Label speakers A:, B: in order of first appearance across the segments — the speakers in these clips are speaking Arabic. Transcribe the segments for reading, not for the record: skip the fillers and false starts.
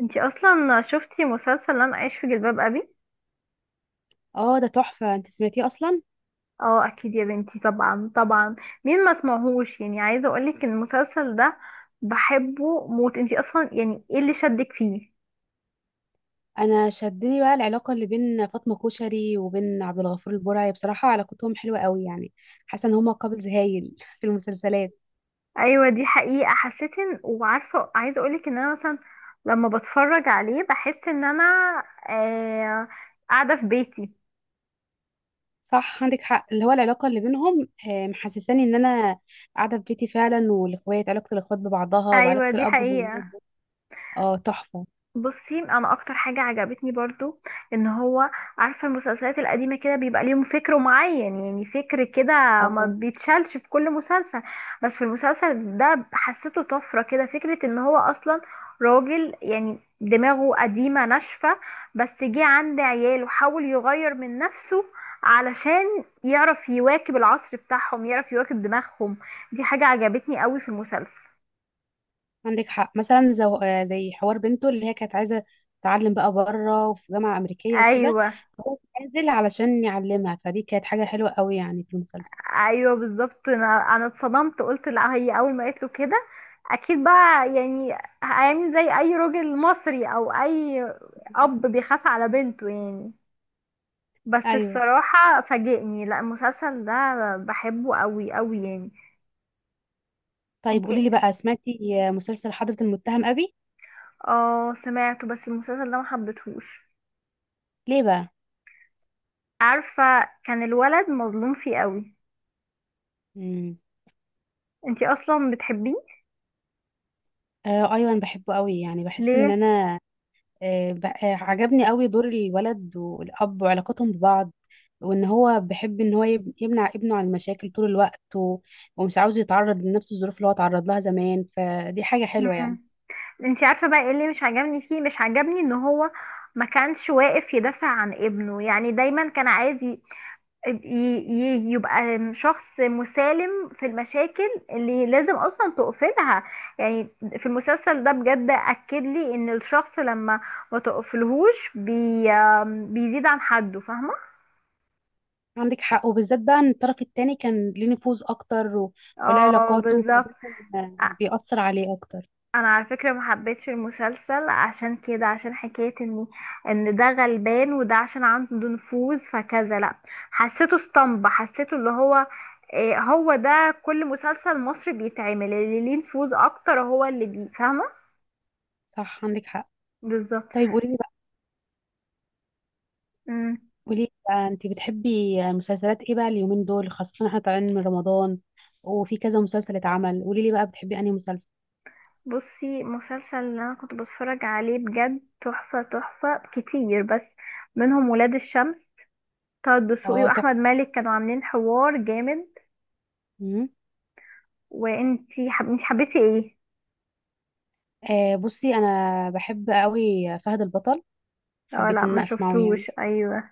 A: انتي اصلا شفتي مسلسل انا عايش في جلباب ابي؟
B: اه، ده تحفة. انت سمعتيه اصلا؟
A: اه، اكيد يا بنتي، طبعا طبعا. مين ما سمعهوش يعني. عايزه اقولك ان المسلسل ده بحبه موت. انتي اصلا يعني ايه اللي شدك فيه؟
B: انا شدني بقى العلاقة اللي بين فاطمة كوشري وبين عبد الغفور البرعي. بصراحة علاقتهم حلوة قوي يعني. حاسة ان هما كابلز هايل في المسلسلات.
A: ايوه دي حقيقه، حسيت ان وعارفه، عايزه اقولك ان انا مثلا لما بتفرج عليه بحس ان انا آه قاعده في بيتي.
B: صح، عندك حق. اللي هو العلاقة اللي بينهم محسساني ان انا قاعدة في بيتي فعلا. والاخوات، علاقة الاخوات ببعضها وعلاقة
A: ايوه دي
B: الاب
A: حقيقه.
B: بولاده. اه، تحفة.
A: بصي، انا اكتر حاجه عجبتني برضو ان هو، عارفه المسلسلات القديمه كده بيبقى ليهم فكر معين، يعني فكر كده ما
B: اه،
A: بيتشالش في كل مسلسل. بس في المسلسل ده حسيته طفره كده، فكره ان هو اصلا راجل يعني دماغه قديمه ناشفه، بس جه عند عيال وحاول يغير من نفسه علشان يعرف يواكب العصر بتاعهم، يعرف يواكب دماغهم. دي حاجه عجبتني قوي في المسلسل.
B: عندك حق. مثلا زو... آه، زي حوار بنته اللي هي كانت عايزه تتعلم بقى بره وفي جامعه امريكيه وكده.
A: ايوه،
B: هو نازل علشان يعلمها. فدي كانت حاجه حلوه قوي يعني في المسلسل.
A: ايوه بالظبط. انا اتصدمت، قلت لا، هي اول ما قالت له كده اكيد بقى يعني هيعمل زي اي راجل مصري، او اي اب بيخاف على بنته يعني. بس
B: ايوه.
A: الصراحه فاجئني. لا، المسلسل ده بحبه قوي قوي يعني.
B: طيب قولي
A: انتي؟
B: لي بقى، سمعتي مسلسل حضرة المتهم ابي؟
A: اه سمعته، بس المسلسل ده ما حبيتهوش.
B: ليه بقى؟
A: عارفه كان الولد مظلوم فيه قوي.
B: امم.
A: انتي اصلا بتحبيه؟
B: آه، ايوه، انا بحبه قوي. يعني بحس ان
A: ليه؟
B: انا عجبني قوي دور الولد والأب وعلاقتهم ببعض. وإن هو بيحب إن هو يمنع ابنه عن المشاكل طول الوقت ومش عاوز يتعرض لنفس الظروف اللي هو اتعرض لها زمان. فدي حاجة حلوة يعني.
A: مم. انتي عارفه بقى ايه اللي مش عجبني فيه؟ مش عجبني ان هو ما كانش واقف يدافع عن ابنه، يعني دايما كان عايز يبقى شخص مسالم في المشاكل اللي لازم اصلا تقفلها يعني. في المسلسل ده بجد اكد لي ان الشخص لما ما تقفلهوش بي بيزيد عن حده، فاهمه؟
B: عندك حق. وبالذات بقى إن الطرف التاني كان ليه نفوذ أكتر وله
A: اه
B: علاقاته.
A: بالظبط.
B: فده كان بيأثر عليه أكتر.
A: انا على فكره ما حبيتش المسلسل عشان كده، عشان حكايه ان ده غلبان وده عشان عنده نفوذ فكذا، لا. حسيته اسطمبة، حسيته اللي هو إيه، هو ده كل مسلسل مصري بيتعمل، اللي ليه نفوذ اكتر هو اللي بي، فاهمه؟
B: صح، عندك حق.
A: بالظبط.
B: طيب
A: أمم.
B: قولي لي بقى أنت بتحبي مسلسلات إيه بقى؟ اليومين دول خاصة إحنا طالعين من رمضان، وفي كذا مسلسل اتعمل. قولي لي بقى بتحبي أنهي مسلسل؟
A: بصي، مسلسل اللي انا كنت بتفرج عليه بجد تحفه تحفه كتير، بس منهم ولاد الشمس. طه الدسوقي
B: اه، طب.
A: واحمد مالك كانوا عاملين حوار جامد.
B: مم.
A: انتي حبيتي ايه؟
B: آه، بصي، انا بحب قوي فهد البطل.
A: اه
B: حبيت
A: لا،
B: ان
A: ما
B: أنا اسمعه يعني.
A: شفتوش. ايوه.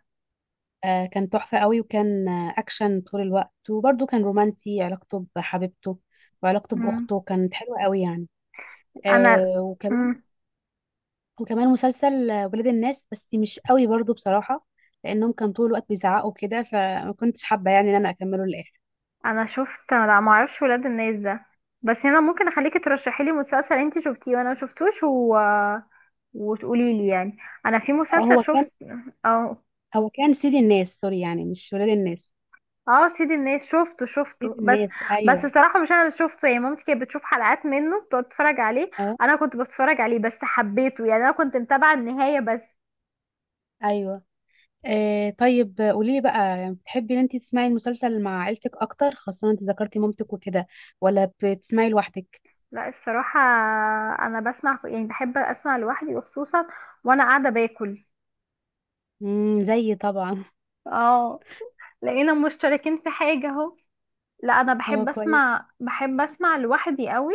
B: آه، كان تحفة قوي. وكان اكشن طول الوقت، وبرده كان رومانسي. علاقته بحبيبته وعلاقته
A: مم.
B: باخته كانت حلوة قوي يعني.
A: انا،
B: آه، وكمان
A: مم.
B: وكمان مسلسل ولاد الناس، بس مش قوي برضو بصراحة. لانهم كان طول الوقت بيزعقوا كده، فما كنتش حابة يعني ان انا اكمله للاخر.
A: انا شفت، لا، ما اعرفش ولاد الناس ده. بس انا ممكن اخليكي ترشحي لي مسلسل انت شفتيه وانا ما شفتوش، وتقولي لي يعني. انا في
B: اه،
A: مسلسل
B: هو
A: شفت.
B: كان
A: اه.
B: هو كان سيد الناس، سوري، يعني مش ولاد الناس.
A: اه سيد الناس، شفته
B: سيد
A: شفته، بس
B: الناس،
A: بس
B: ايوه.
A: الصراحه مش انا اللي شفته يعني، مامتي كانت بتشوف حلقات منه بتقعد تتفرج عليه.
B: اه،
A: انا كنت بتفرج عليه بس حبيته يعني، انا كنت متابعه النهايه بس.
B: ايوه. آه، طيب قولي لي بقى، بتحبي ان انت تسمعي المسلسل مع عيلتك اكتر خاصة انت ذكرتي مامتك وكده؟ ولا بتسمعي لوحدك؟
A: لا الصراحة، أنا بسمع يعني بحب أسمع لوحدي، وخصوصا وأنا قاعدة باكل.
B: زيي طبعا.
A: اه، لقينا مشتركين في حاجة أهو. لا، أنا
B: اه،
A: بحب
B: كويس.
A: أسمع، بحب أسمع لوحدي قوي.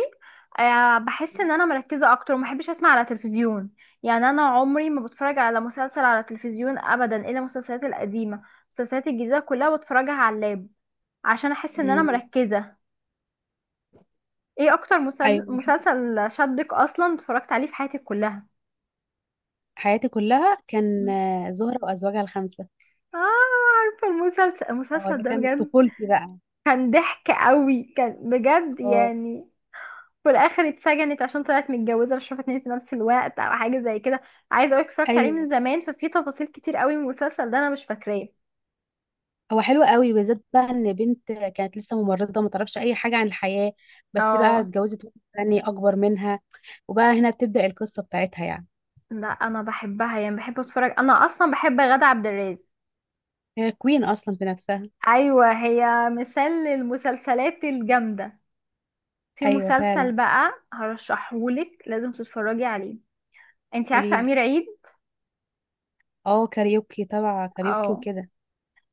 A: بحس إن أنا مركزة أكتر، وما بحبش أسمع على تلفزيون يعني. أنا عمري ما بتفرج على مسلسل على تلفزيون أبدا إلا المسلسلات القديمة. المسلسلات الجديدة كلها بتفرجها على اللاب، عشان أحس إن أنا
B: امم.
A: مركزة. إيه أكتر
B: ايوه،
A: مسلسل شدك أصلا اتفرجت عليه في حياتك كلها؟
B: حياتي كلها كان زهرة وازواجها الخمسة.
A: اه، عارفة المسلسل،
B: اه، ده
A: المسلسل ده
B: كان
A: بجد
B: طفولتي بقى.
A: كان ضحك قوي، كان بجد
B: اه،
A: يعني. في الاخر اتسجنت عشان طلعت متجوزة، مش عارفة اتنين في نفس الوقت او حاجة زي كده. عايزة اقولك اتفرجت عليه
B: ايوه.
A: من زمان، ففي تفاصيل كتير قوي من المسلسل ده انا مش فاكراه.
B: هو حلو قوي، بالذات بقى ان بنت كانت لسه ممرضة ما تعرفش اي حاجة عن الحياة. بس بقى
A: اه،
B: اتجوزت واحد تاني اكبر منها، وبقى هنا بتبدأ القصة بتاعتها يعني.
A: لا انا بحبها يعني، بحب اتفرج، انا اصلا بحب غادة عبد الرازق.
B: هي كوين اصلا في نفسها.
A: ايوه، هي مثال للمسلسلات الجامدة. في
B: ايوه، فعلا.
A: مسلسل بقى هرشحهولك لازم تتفرجي عليه. انتي عارفة
B: قوليلي.
A: امير عيد؟
B: اه، كاريوكي تبع كاريوكي
A: اه،
B: وكده.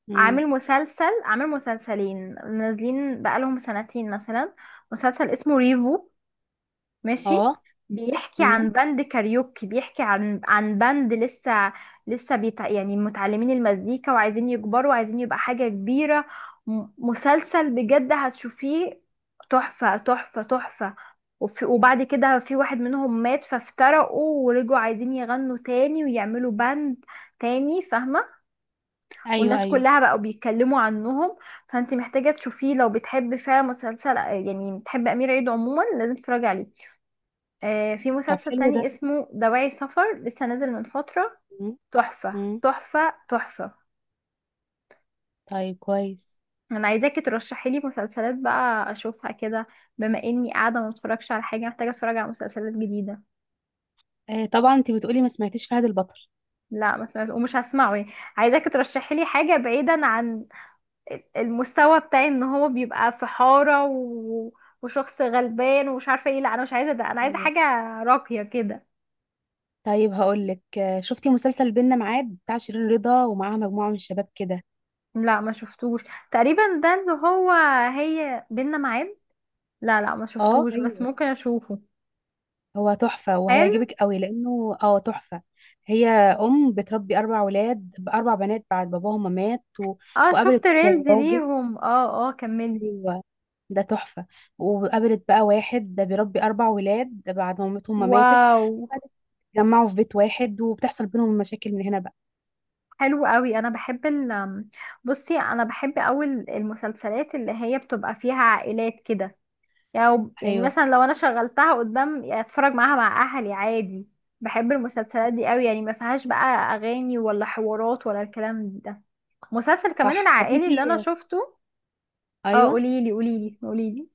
B: مم.
A: عامل مسلسل، عامل مسلسلين نازلين بقالهم سنتين مثلا. مسلسل اسمه ريفو. ماشي.
B: اه.
A: بيحكي
B: مم.
A: عن باند كاريوكي، بيحكي عن عن باند لسه، يعني متعلمين المزيكا وعايزين يكبروا وعايزين يبقى حاجة كبيرة. مسلسل بجد هتشوفيه، تحفة تحفة تحفة. وبعد كده في واحد منهم مات، فافترقوا ورجعوا عايزين يغنوا تاني ويعملوا باند تاني، فاهمة؟
B: ايوه،
A: والناس
B: ايوه.
A: كلها بقوا بيتكلموا عنهم. فانت محتاجة تشوفيه، لو بتحب فعلا مسلسل، يعني بتحب أمير عيد عموما لازم تتفرجي عليه. آه، في
B: طب،
A: مسلسل
B: حلو ده.
A: تاني اسمه دواعي سفر لسه نازل من فترة،
B: مم.
A: تحفة
B: مم.
A: تحفة تحفة.
B: طيب، كويس.
A: انا عايزاكي ترشحي لي مسلسلات بقى اشوفها كده، بما اني قاعده ما بتفرجش على حاجه، محتاجه اتفرج على مسلسلات جديده.
B: آه، طبعا. انت بتقولي ما سمعتيش فهد البطل؟
A: لا، ما سمعت ومش هسمعه يعني. عايزاكي ترشحي لي حاجه بعيدا عن المستوى بتاعي، ان هو بيبقى في حارة وشخص غلبان ومش عارفة ايه، لا انا مش عايزة ده، انا عايزة
B: ايوه.
A: حاجة راقية كده.
B: طيب هقولك، شفتي مسلسل بينا معاد بتاع شيرين رضا ومعاها مجموعة من الشباب كده؟
A: لا، ما شفتوش. تقريبا ده اللي هو، هي بينا معاد. لا لا ما
B: اه،
A: شفتوش، بس
B: ايوه.
A: ممكن اشوفه.
B: هو تحفة
A: حلو.
B: وهيعجبك قوي، لأنه تحفة. هي أم بتربي أربع ولاد بأربع بنات بعد باباهم ما مات
A: اه
B: وقابلت
A: شفت ريلز
B: راجل.
A: ليهم، اه اه كملي.
B: أيوة. ده تحفة. وقابلت بقى واحد ده بيربي أربع ولاد بعد ما مامتهم ما ماتت.
A: واو.
B: اتجمعوا في بيت واحد وبتحصل بينهم مشاكل من هنا بقى.
A: حلو قوي. انا بحب ال بصي انا بحب قوي المسلسلات اللي هي بتبقى فيها عائلات كده يعني. يعني
B: أيوه،
A: مثلا لو انا شغلتها قدام، يعني اتفرج معاها مع اهلي عادي. بحب المسلسلات دي قوي، يعني ما فيهاش بقى اغاني ولا حوارات ولا الكلام ده. مسلسل كمان
B: صح. طب
A: العائلي اللي انا
B: انتي،
A: شفته. اه
B: أيوه،
A: قوليلي قوليلي قوليلي.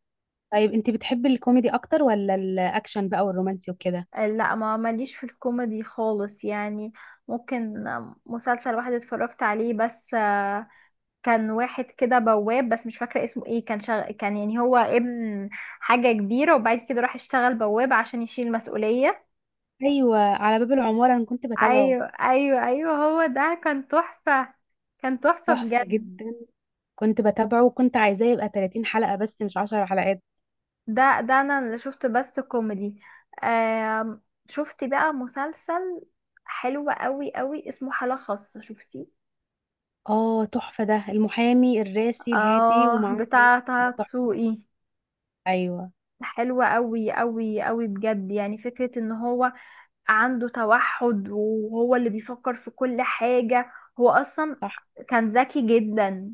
B: طيب انتي بتحبي الكوميدي أكتر ولا الأكشن بقى والرومانسي وكده؟
A: لا ما ماليش في الكوميدي خالص يعني. ممكن مسلسل واحد اتفرجت عليه بس، كان واحد كده بواب، بس مش فاكرة اسمه ايه. كان يعني هو ابن حاجة كبيرة، وبعد كده راح اشتغل بواب عشان يشيل مسؤولية.
B: أيوه، على باب العمارة. أنا كنت بتابعه.
A: ايوه ايوه ايوه، هو ده كان تحفة، كان تحفة
B: تحفة
A: بجد.
B: جدا. كنت بتابعه وكنت عايزاه يبقى 30 حلقة بس مش 10 حلقات.
A: ده انا اللي شفت بس كوميدي. آم، شفت بقى مسلسل حلو قوي قوي اسمه حالة خاصة، شفتي؟
B: اه، تحفة. ده المحامي الراسي الهادي
A: اه
B: ومعاه رجل،
A: بتاع طه
B: ده تحفة.
A: دسوقي.
B: أيوه.
A: حلوة قوي قوي قوي بجد، يعني فكرة ان هو عنده توحد وهو اللي بيفكر في كل حاجة. هو اصلا
B: صح.
A: كان ذكي جدا.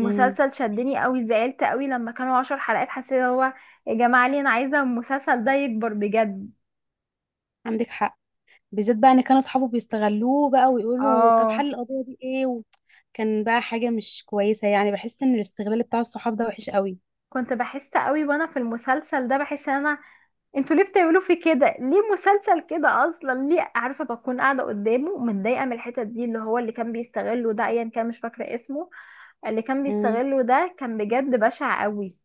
B: امم.
A: شدني قوي، زعلت قوي لما كانوا عشر حلقات، حسيت هو، يا جماعة ليه، انا عايزة المسلسل ده يكبر بجد.
B: عندك حق، بالذات بقى ان كانوا اصحابه بيستغلوه بقى ويقولوا طب
A: اه،
B: حل القضيه دي ايه كان بقى حاجه مش كويسه. يعني بحس ان الاستغلال بتاع الصحاب ده وحش قوي.
A: كنت بحس قوي وانا في المسلسل ده، بحس ان انا، انتوا ليه بتعملوا في كده، ليه مسلسل كده اصلا؟ ليه؟ عارفة، بكون قاعدة قدامه متضايقة من الحتت دي، اللي هو اللي كان بيستغله ده، ايا كان مش فاكرة اسمه، اللي كان
B: امم.
A: بيستغله ده كان بجد بشع قوي.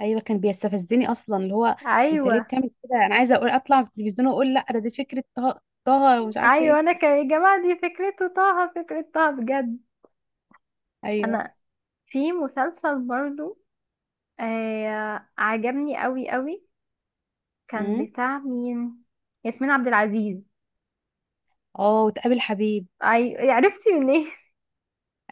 B: ايوه، كان بيستفزني اصلا. اللي هو، انت ليه
A: ايوه
B: بتعمل كده؟ انا عايزه اقول اطلع في التلفزيون واقول لا، ده دي فكره طه، طه، ومش عارفه ايه.
A: ايوه، انا كان، يا جماعة دي فكرته، طه، فكرة طه بجد.
B: ايوه.
A: انا في مسلسل برضو آه عجبني قوي قوي، كان
B: امم.
A: بتاع مين؟ ياسمين عبد العزيز.
B: اه، وتقابل حبيب.
A: اي يعني عرفتي منين؟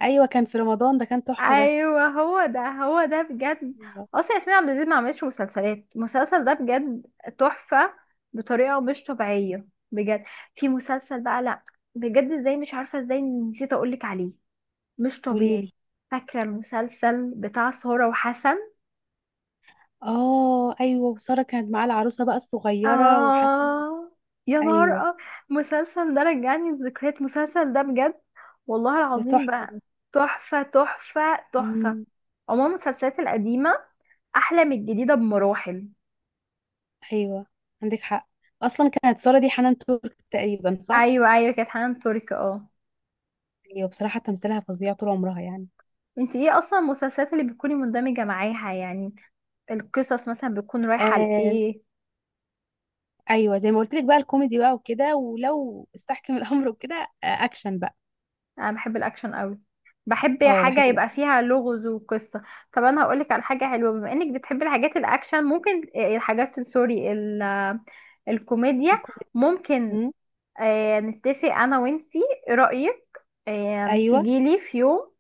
B: ايوه، كان في رمضان. ده كان تحفه ده.
A: ايوه هو ده، هو ده بجد.
B: ايوه.
A: اصلا ياسمين عبد العزيز ما عملتش مسلسلات، المسلسل ده بجد تحفه، بطريقه مش طبيعيه بجد. في مسلسل بقى، لا بجد ازاي، مش عارفه ازاي نسيت اقولك عليه، مش طبيعي.
B: وليلي.
A: فاكره المسلسل بتاع سارة وحسن؟
B: اه، ايوه. وساره كانت معاه العروسه بقى الصغيره وحسن.
A: آه، يا نهار
B: ايوه.
A: المسلسل ده رجعني الذكريات، المسلسل ده بجد والله
B: ده
A: العظيم
B: تحفه
A: بقى،
B: ده.
A: تحفة تحفة تحفة.
B: مم.
A: عموما المسلسلات القديمة أحلى من الجديدة بمراحل.
B: ايوه، عندك حق. اصلا كانت سارة دي حنان ترك تقريبا، صح؟
A: أيوة أيوة، كانت حنان ترك، اه.
B: ايوه، بصراحة تمثيلها فظيع طول عمرها يعني.
A: انت ايه اصلا المسلسلات اللي بتكوني مندمجة معاها يعني، القصص مثلا بتكون رايحة
B: آه،
A: لإيه؟
B: ايوه، زي ما قلت لك بقى، الكوميدي بقى وكده، ولو استحكم الامر وكده. آه، اكشن بقى.
A: انا بحب الاكشن قوي، بحب
B: اه،
A: حاجه
B: بحب
A: يبقى
B: الاكشن.
A: فيها لغز وقصه. طب انا هقولك على حاجه حلوه، بما انك بتحبي الحاجات الاكشن، ممكن آه، الحاجات سوري ال- آه، الكوميديا.
B: الكوميدي.
A: ممكن
B: مم.
A: نتفق انا وانتي، ايه رايك؟
B: ايوه.
A: تجيلي في يوم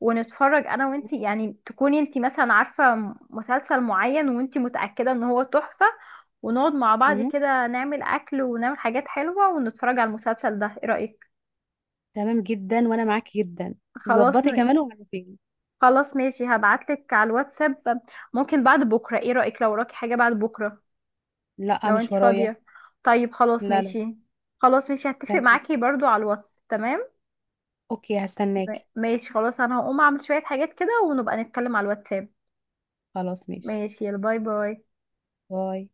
A: ونتفرج انا وانتي، يعني تكوني انتي مثلا عارفه مسلسل معين وانتي متاكده ان هو تحفه، ونقعد مع بعض
B: مم.
A: كده، نعمل اكل ونعمل حاجات حلوه ونتفرج على المسلسل ده. ايه رايك؟
B: تمام جدا، وانا معاكي جدا.
A: خلاص.
B: ظبطي كمان وعرفيني.
A: خلاص ماشي، هبعتلك على الواتساب. ممكن بعد بكرة، ايه رأيك؟ لو وراكي حاجة بعد بكرة،
B: لا،
A: لو
B: مش
A: انتي
B: ورايا.
A: فاضية. طيب خلاص
B: لا، لا.
A: ماشي. خلاص ماشي، هتفق
B: تمام.
A: معاكي برضو على الواتس، تمام.
B: اوكي، هستناكي.
A: ماشي خلاص، انا هقوم اعمل شوية حاجات كده، ونبقى نتكلم على الواتساب.
B: خلاص، ماشي.
A: ماشي، يلا باي باي.
B: باي.